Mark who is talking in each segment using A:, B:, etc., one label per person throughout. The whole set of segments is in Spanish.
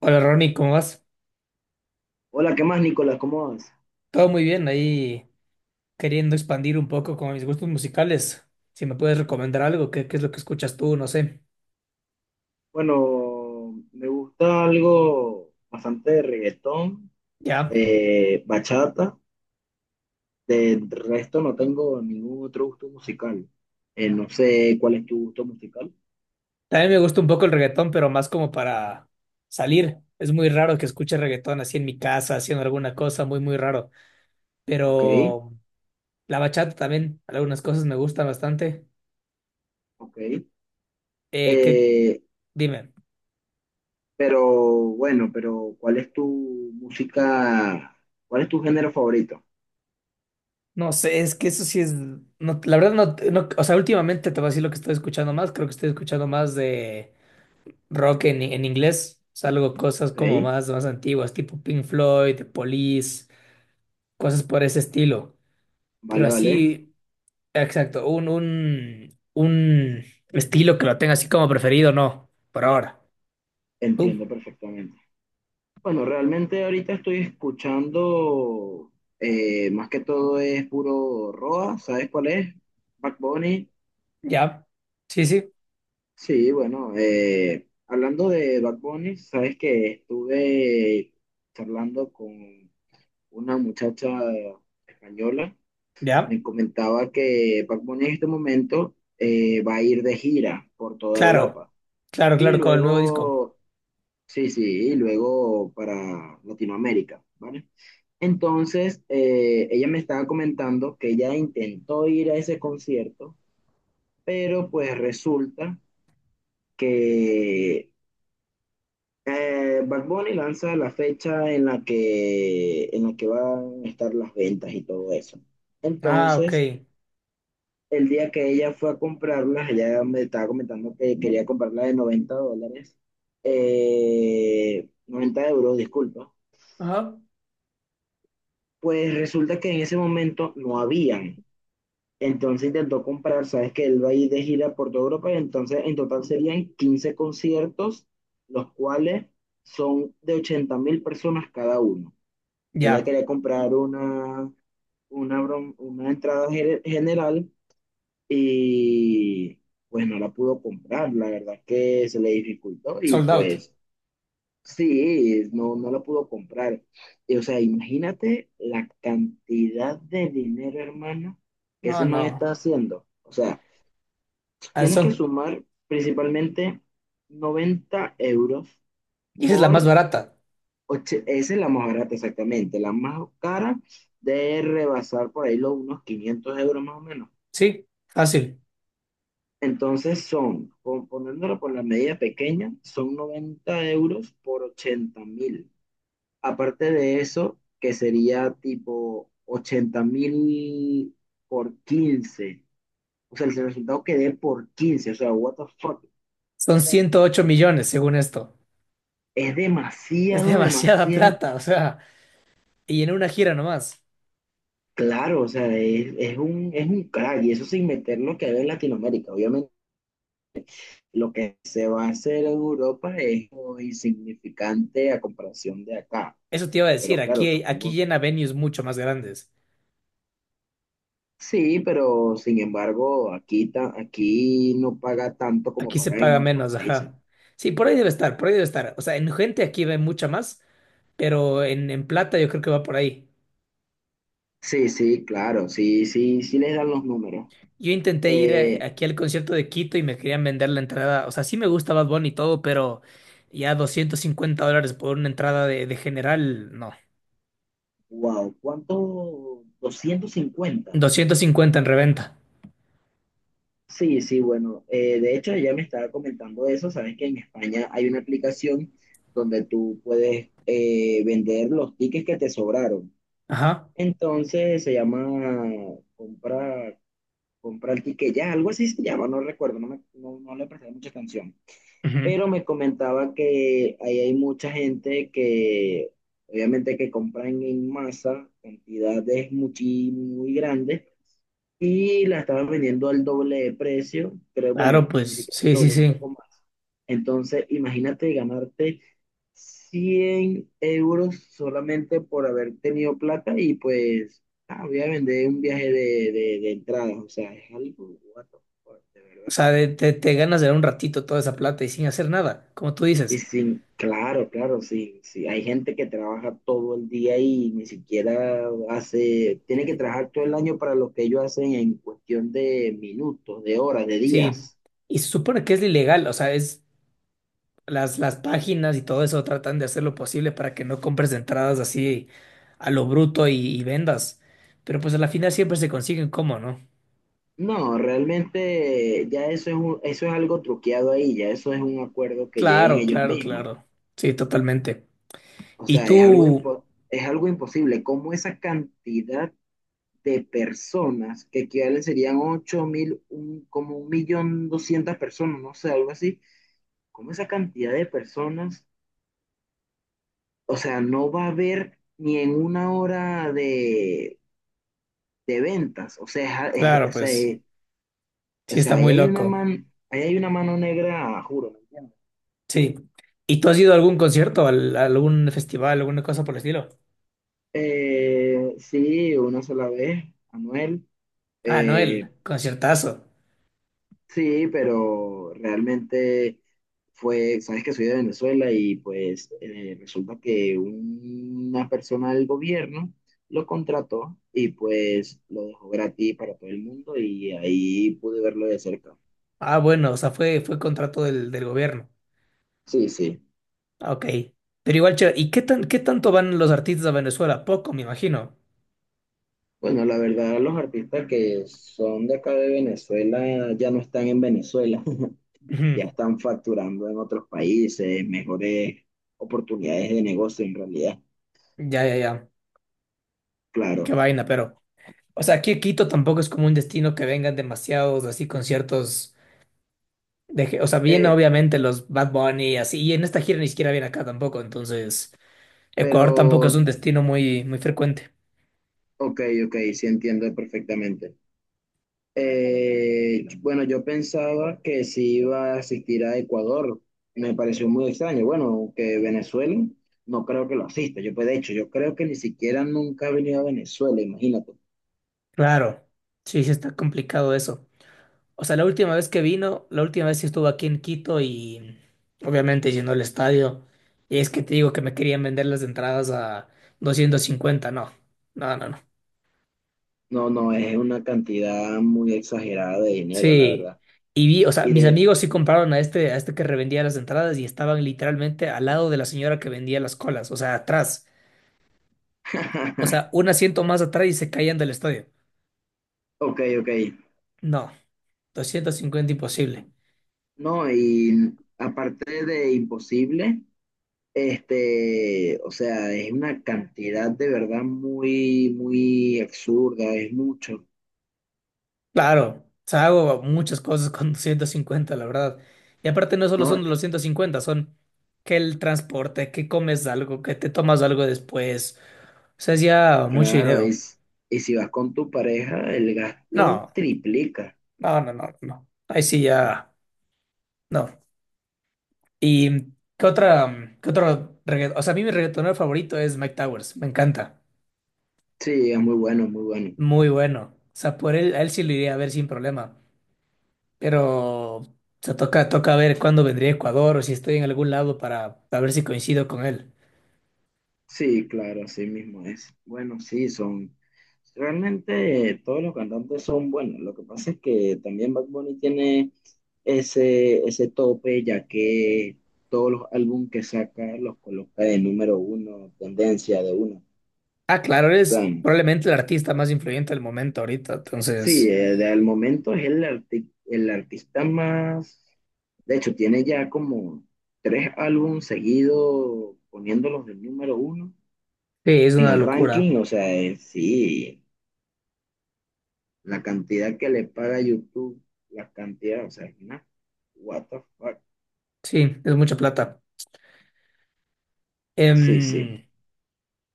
A: Hola Ronnie, ¿cómo vas?
B: Hola, ¿qué más, Nicolás? ¿Cómo vas?
A: Todo muy bien, ahí queriendo expandir un poco con mis gustos musicales. Si me puedes recomendar algo, ¿qué es lo que escuchas tú? No sé.
B: Bueno, me gusta algo bastante de reggaetón,
A: Ya.
B: bachata. Del resto no tengo ningún otro gusto musical. No sé cuál es tu gusto musical.
A: También me gusta un poco el reggaetón, pero más como para salir. Es muy raro que escuche reggaetón así en mi casa, haciendo alguna cosa, muy, muy raro.
B: Ok,
A: Pero la bachata también, algunas cosas me gustan bastante.
B: ok.
A: ¿Qué?
B: Eh,
A: Dime.
B: pero bueno, ¿cuál es tu música? ¿Cuál es tu género favorito?
A: No sé, es que eso sí es. No, la verdad no, no. O sea, últimamente te voy a decir lo que estoy escuchando más. Creo que estoy escuchando más de. Rock en inglés, salgo cosas
B: Ok,
A: como más antiguas, tipo Pink Floyd, The Police, cosas por ese estilo. Pero
B: vale, vale.
A: así, exacto, un estilo que lo tenga así como preferido, no, por ahora. ¿Tú?
B: Entiendo perfectamente. Bueno, realmente ahorita estoy escuchando, más que todo es puro Roa, ¿sabes cuál es? Bad Bunny.
A: ¿Ya? Sí, sí,
B: Sí, bueno, hablando de Bad Bunny, sabes que estuve charlando con una muchacha española,
A: ya.
B: me comentaba que Bad Bunny en este momento va a ir de gira por toda
A: Claro,
B: Europa.
A: claro,
B: Y
A: claro, con el nuevo disco.
B: luego Sí, sí, y luego para Latinoamérica, ¿vale? Entonces, ella me estaba comentando que ella intentó ir a ese concierto, pero pues resulta que Bad Bunny lanza la fecha en la que, van a estar las ventas y todo eso.
A: Ah, ok.
B: Entonces, el día que ella fue a comprarlas, ella me estaba comentando que quería comprarla de 90 dólares, 90 euros, disculpa.
A: Ajá.
B: Pues resulta que en ese momento no habían. Entonces intentó comprar, sabes que él va a ir de gira por toda Europa y entonces en total serían 15 conciertos, los cuales son de 80.000 personas cada uno. Ella
A: Ya.
B: quería comprar una entrada general y pues no la pudo comprar. La verdad es que se le dificultó y
A: Sold out.
B: pues sí, no, no la pudo comprar. Y, o sea, imagínate la cantidad de dinero, hermano, que
A: No,
B: ese man
A: no.
B: está haciendo. O sea,
A: A ver,
B: tienes que
A: son,
B: sumar principalmente 90 euros
A: y esa es la más
B: por.
A: barata.
B: Esa es la más barata, exactamente. La más cara de rebasar por ahí los unos 500 euros más o menos.
A: Sí, fácil.
B: Entonces son, poniéndolo por la medida pequeña, son 90 euros por 80.000. Aparte de eso, que sería tipo 80.000 por 15, o sea, el resultado que dé por 15, o sea, what the fuck,
A: Son
B: man.
A: 108 millones, según esto.
B: Es
A: Es
B: demasiado,
A: demasiada
B: demasiado.
A: plata, o sea, y en una gira nomás.
B: Claro, o sea, es un crack. Y eso sin meter lo que hay en Latinoamérica. Obviamente, lo que se va a hacer en Europa es muy insignificante a comparación de acá.
A: Eso te iba a decir,
B: Pero
A: aquí,
B: claro,
A: aquí
B: supongo.
A: llena venues mucho más grandes.
B: Sí, pero sin embargo, aquí no paga tanto como
A: Aquí se
B: paga en
A: paga
B: otros
A: menos,
B: países.
A: ajá. Sí, por ahí debe estar, por ahí debe estar. O sea, en gente aquí ve mucha más, pero en plata yo creo que va por ahí.
B: Sí, sí, claro, sí, sí, sí les dan los números.
A: Yo intenté ir
B: Eh,
A: aquí al concierto de Quito y me querían vender la entrada. O sea, sí me gusta Bad Bunny y todo, pero ya 250 dólares por una entrada de general, no.
B: wow, ¿cuánto? 250.
A: 250 en reventa.
B: Sí, sí, bueno, de hecho ella me estaba comentando eso, saben que en España hay una aplicación donde tú puedes vender los tickets que te sobraron.
A: Ajá.
B: Entonces se llama compra, Compra el ticket ya, algo así se llama, no recuerdo, no le presté mucha atención,
A: Ujú.
B: pero me comentaba que ahí hay mucha gente que obviamente que compran en masa, cantidades muy grandes, y la estaban vendiendo al doble de precio, pero
A: Claro,
B: bueno, ni
A: pues,
B: siquiera el
A: sí, sí,
B: doble, un
A: sí.
B: poco más. Entonces, imagínate ganarte 100 euros solamente por haber tenido plata y pues, ah, voy a vender un viaje de entradas, o sea, es algo, what the fuck, de
A: O
B: verdad.
A: sea, te ganas de dar un ratito toda esa plata y sin hacer nada, como tú
B: Y
A: dices.
B: sin, claro, claro, sí, sí. Hay gente que trabaja todo el día y ni siquiera hace, tiene que trabajar todo el año para lo que ellos hacen en cuestión de minutos, de horas, de
A: Sí.
B: días.
A: Y se supone que es ilegal, o sea, es las páginas y todo eso tratan de hacer lo posible para que no compres entradas así a lo bruto y vendas. Pero pues a la final siempre se consiguen cómo, ¿no?
B: No, realmente ya eso es un- eso es algo truqueado ahí, ya eso es un acuerdo que llegan
A: Claro,
B: ellos
A: claro,
B: mismos.
A: claro. Sí, totalmente.
B: O
A: Y
B: sea, es algo
A: tú,
B: impo- es algo imposible. ¿Cómo esa cantidad de personas que equivalen serían 8.000, como 1.200.000 personas, no sé, algo así? Como esa cantidad de personas, o sea, no va a haber ni en una hora de ventas, o sea,
A: claro,
B: o sea,
A: pues,
B: o
A: sí está
B: sea, ahí
A: muy
B: hay una
A: loco.
B: man, ahí hay una mano negra, juro, ¿me entiendes?
A: Sí. ¿Y tú has ido a algún concierto, a algún festival, alguna cosa por el estilo?
B: Sí, una sola vez, Manuel.
A: Ah, Noel,
B: eh,
A: el conciertazo.
B: Sí pero realmente fue, sabes que soy de Venezuela y pues resulta que una persona del gobierno lo contrató y pues lo dejó gratis para todo el mundo y ahí pude verlo de cerca.
A: Ah, bueno, o sea, fue contrato del, del gobierno.
B: Sí, sí.
A: Ah, ok. Pero igual, chévere. ¿Y qué tanto van los artistas a Venezuela? Poco, me imagino.
B: Bueno, la verdad, los artistas que son de acá de Venezuela ya no están en Venezuela, ya
A: Ujú.
B: están facturando en otros países, mejores oportunidades de negocio en realidad,
A: Ya, ya, ya. Qué
B: claro.
A: vaina, pero. O sea, aquí Quito tampoco es como un destino que vengan demasiados así conciertos. O sea, vienen
B: Eh,
A: obviamente los Bad Bunny y así. Y en esta gira ni siquiera viene acá tampoco. Entonces, Ecuador tampoco es
B: pero
A: un destino muy, muy frecuente.
B: Ok, ok, sí entiendo perfectamente. Bueno, yo pensaba que sí iba a asistir a Ecuador. Me pareció muy extraño. Bueno, que Venezuela no creo que lo asista. Yo, pues, de hecho, yo creo que ni siquiera nunca ha venido a Venezuela, imagínate.
A: Claro. Sí, sí está complicado eso. O sea, la última vez que vino, la última vez sí estuvo aquí en Quito y obviamente llenó el estadio. Y es que te digo que me querían vender las entradas a 250, no. No, no, no.
B: No, no, es una cantidad muy exagerada de dinero, la
A: Sí.
B: verdad.
A: Y vi, o sea,
B: Y
A: mis
B: de.
A: amigos sí compraron a este que revendía las entradas y estaban literalmente al lado de la señora que vendía las colas, o sea, atrás. O sea, un asiento más atrás y se caían del estadio.
B: Ok, ok.
A: No, 250 imposible.
B: No, y aparte de imposible. Este, o sea, es una cantidad de verdad muy, muy absurda, es mucho,
A: Claro, o sea, hago muchas cosas con 150, la verdad. Y aparte no solo
B: ¿no?
A: son los 150, son que el transporte, que comes algo, que te tomas algo después. O sea, es ya mucho
B: Claro,
A: dinero.
B: y si vas con tu pareja, el gasto
A: No,
B: triplica.
A: no, no, no, no. Ahí sí ya, no. ¿Y qué otra, qué otro reggaetón? O sea, a mí mi reggaetonero favorito es Mike Towers, me encanta.
B: Sí, es muy bueno, muy bueno.
A: Muy bueno. O sea, por él, a él sí lo iría a ver sin problema. Pero. Se toca, toca ver cuándo vendría a Ecuador o si estoy en algún lado para ver si coincido con él.
B: Sí, claro, así mismo es. Bueno, sí, realmente todos los cantantes son buenos. Lo que pasa es que también Bad Bunny tiene ese tope, ya que todos los álbumes que saca los coloca de número uno, tendencia de uno.
A: Ah, claro,
B: O sea,
A: eres probablemente el artista más influyente del momento ahorita,
B: sí,
A: entonces,
B: de al momento es el artista más, de hecho, tiene ya como tres álbumes seguidos poniéndolos del número uno
A: sí, es
B: en
A: una
B: el
A: locura.
B: ranking, o sea, sí, la cantidad que le paga YouTube, la cantidad, o sea, es una, what the fuck,
A: Sí, es mucha plata.
B: sí, sí,
A: Em,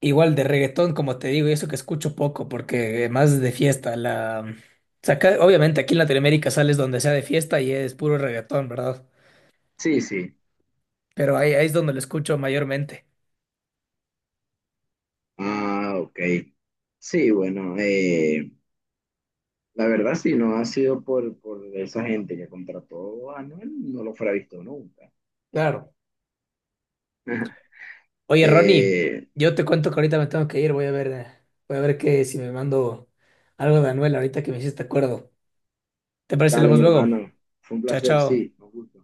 A: Igual de reggaetón, como te digo, y eso que escucho poco, porque más de fiesta, o sea, obviamente aquí en Latinoamérica sales donde sea de fiesta y es puro reggaetón, ¿verdad?
B: sí, sí,
A: Pero ahí, ahí es donde lo escucho mayormente.
B: ah, ok, sí, bueno, la verdad sí, no ha sido por, esa gente que contrató a Anuel, no lo fuera visto nunca.
A: Claro. Oye, Ronnie,
B: Eh,
A: yo te cuento que ahorita me tengo que ir, voy a ver que si me mando algo de Anuel ahorita que me hiciste acuerdo. ¿Te parece si
B: dale,
A: hablamos
B: mi
A: luego?
B: hermano. Fue un
A: Chao,
B: placer,
A: chao.
B: sí, nos gusta.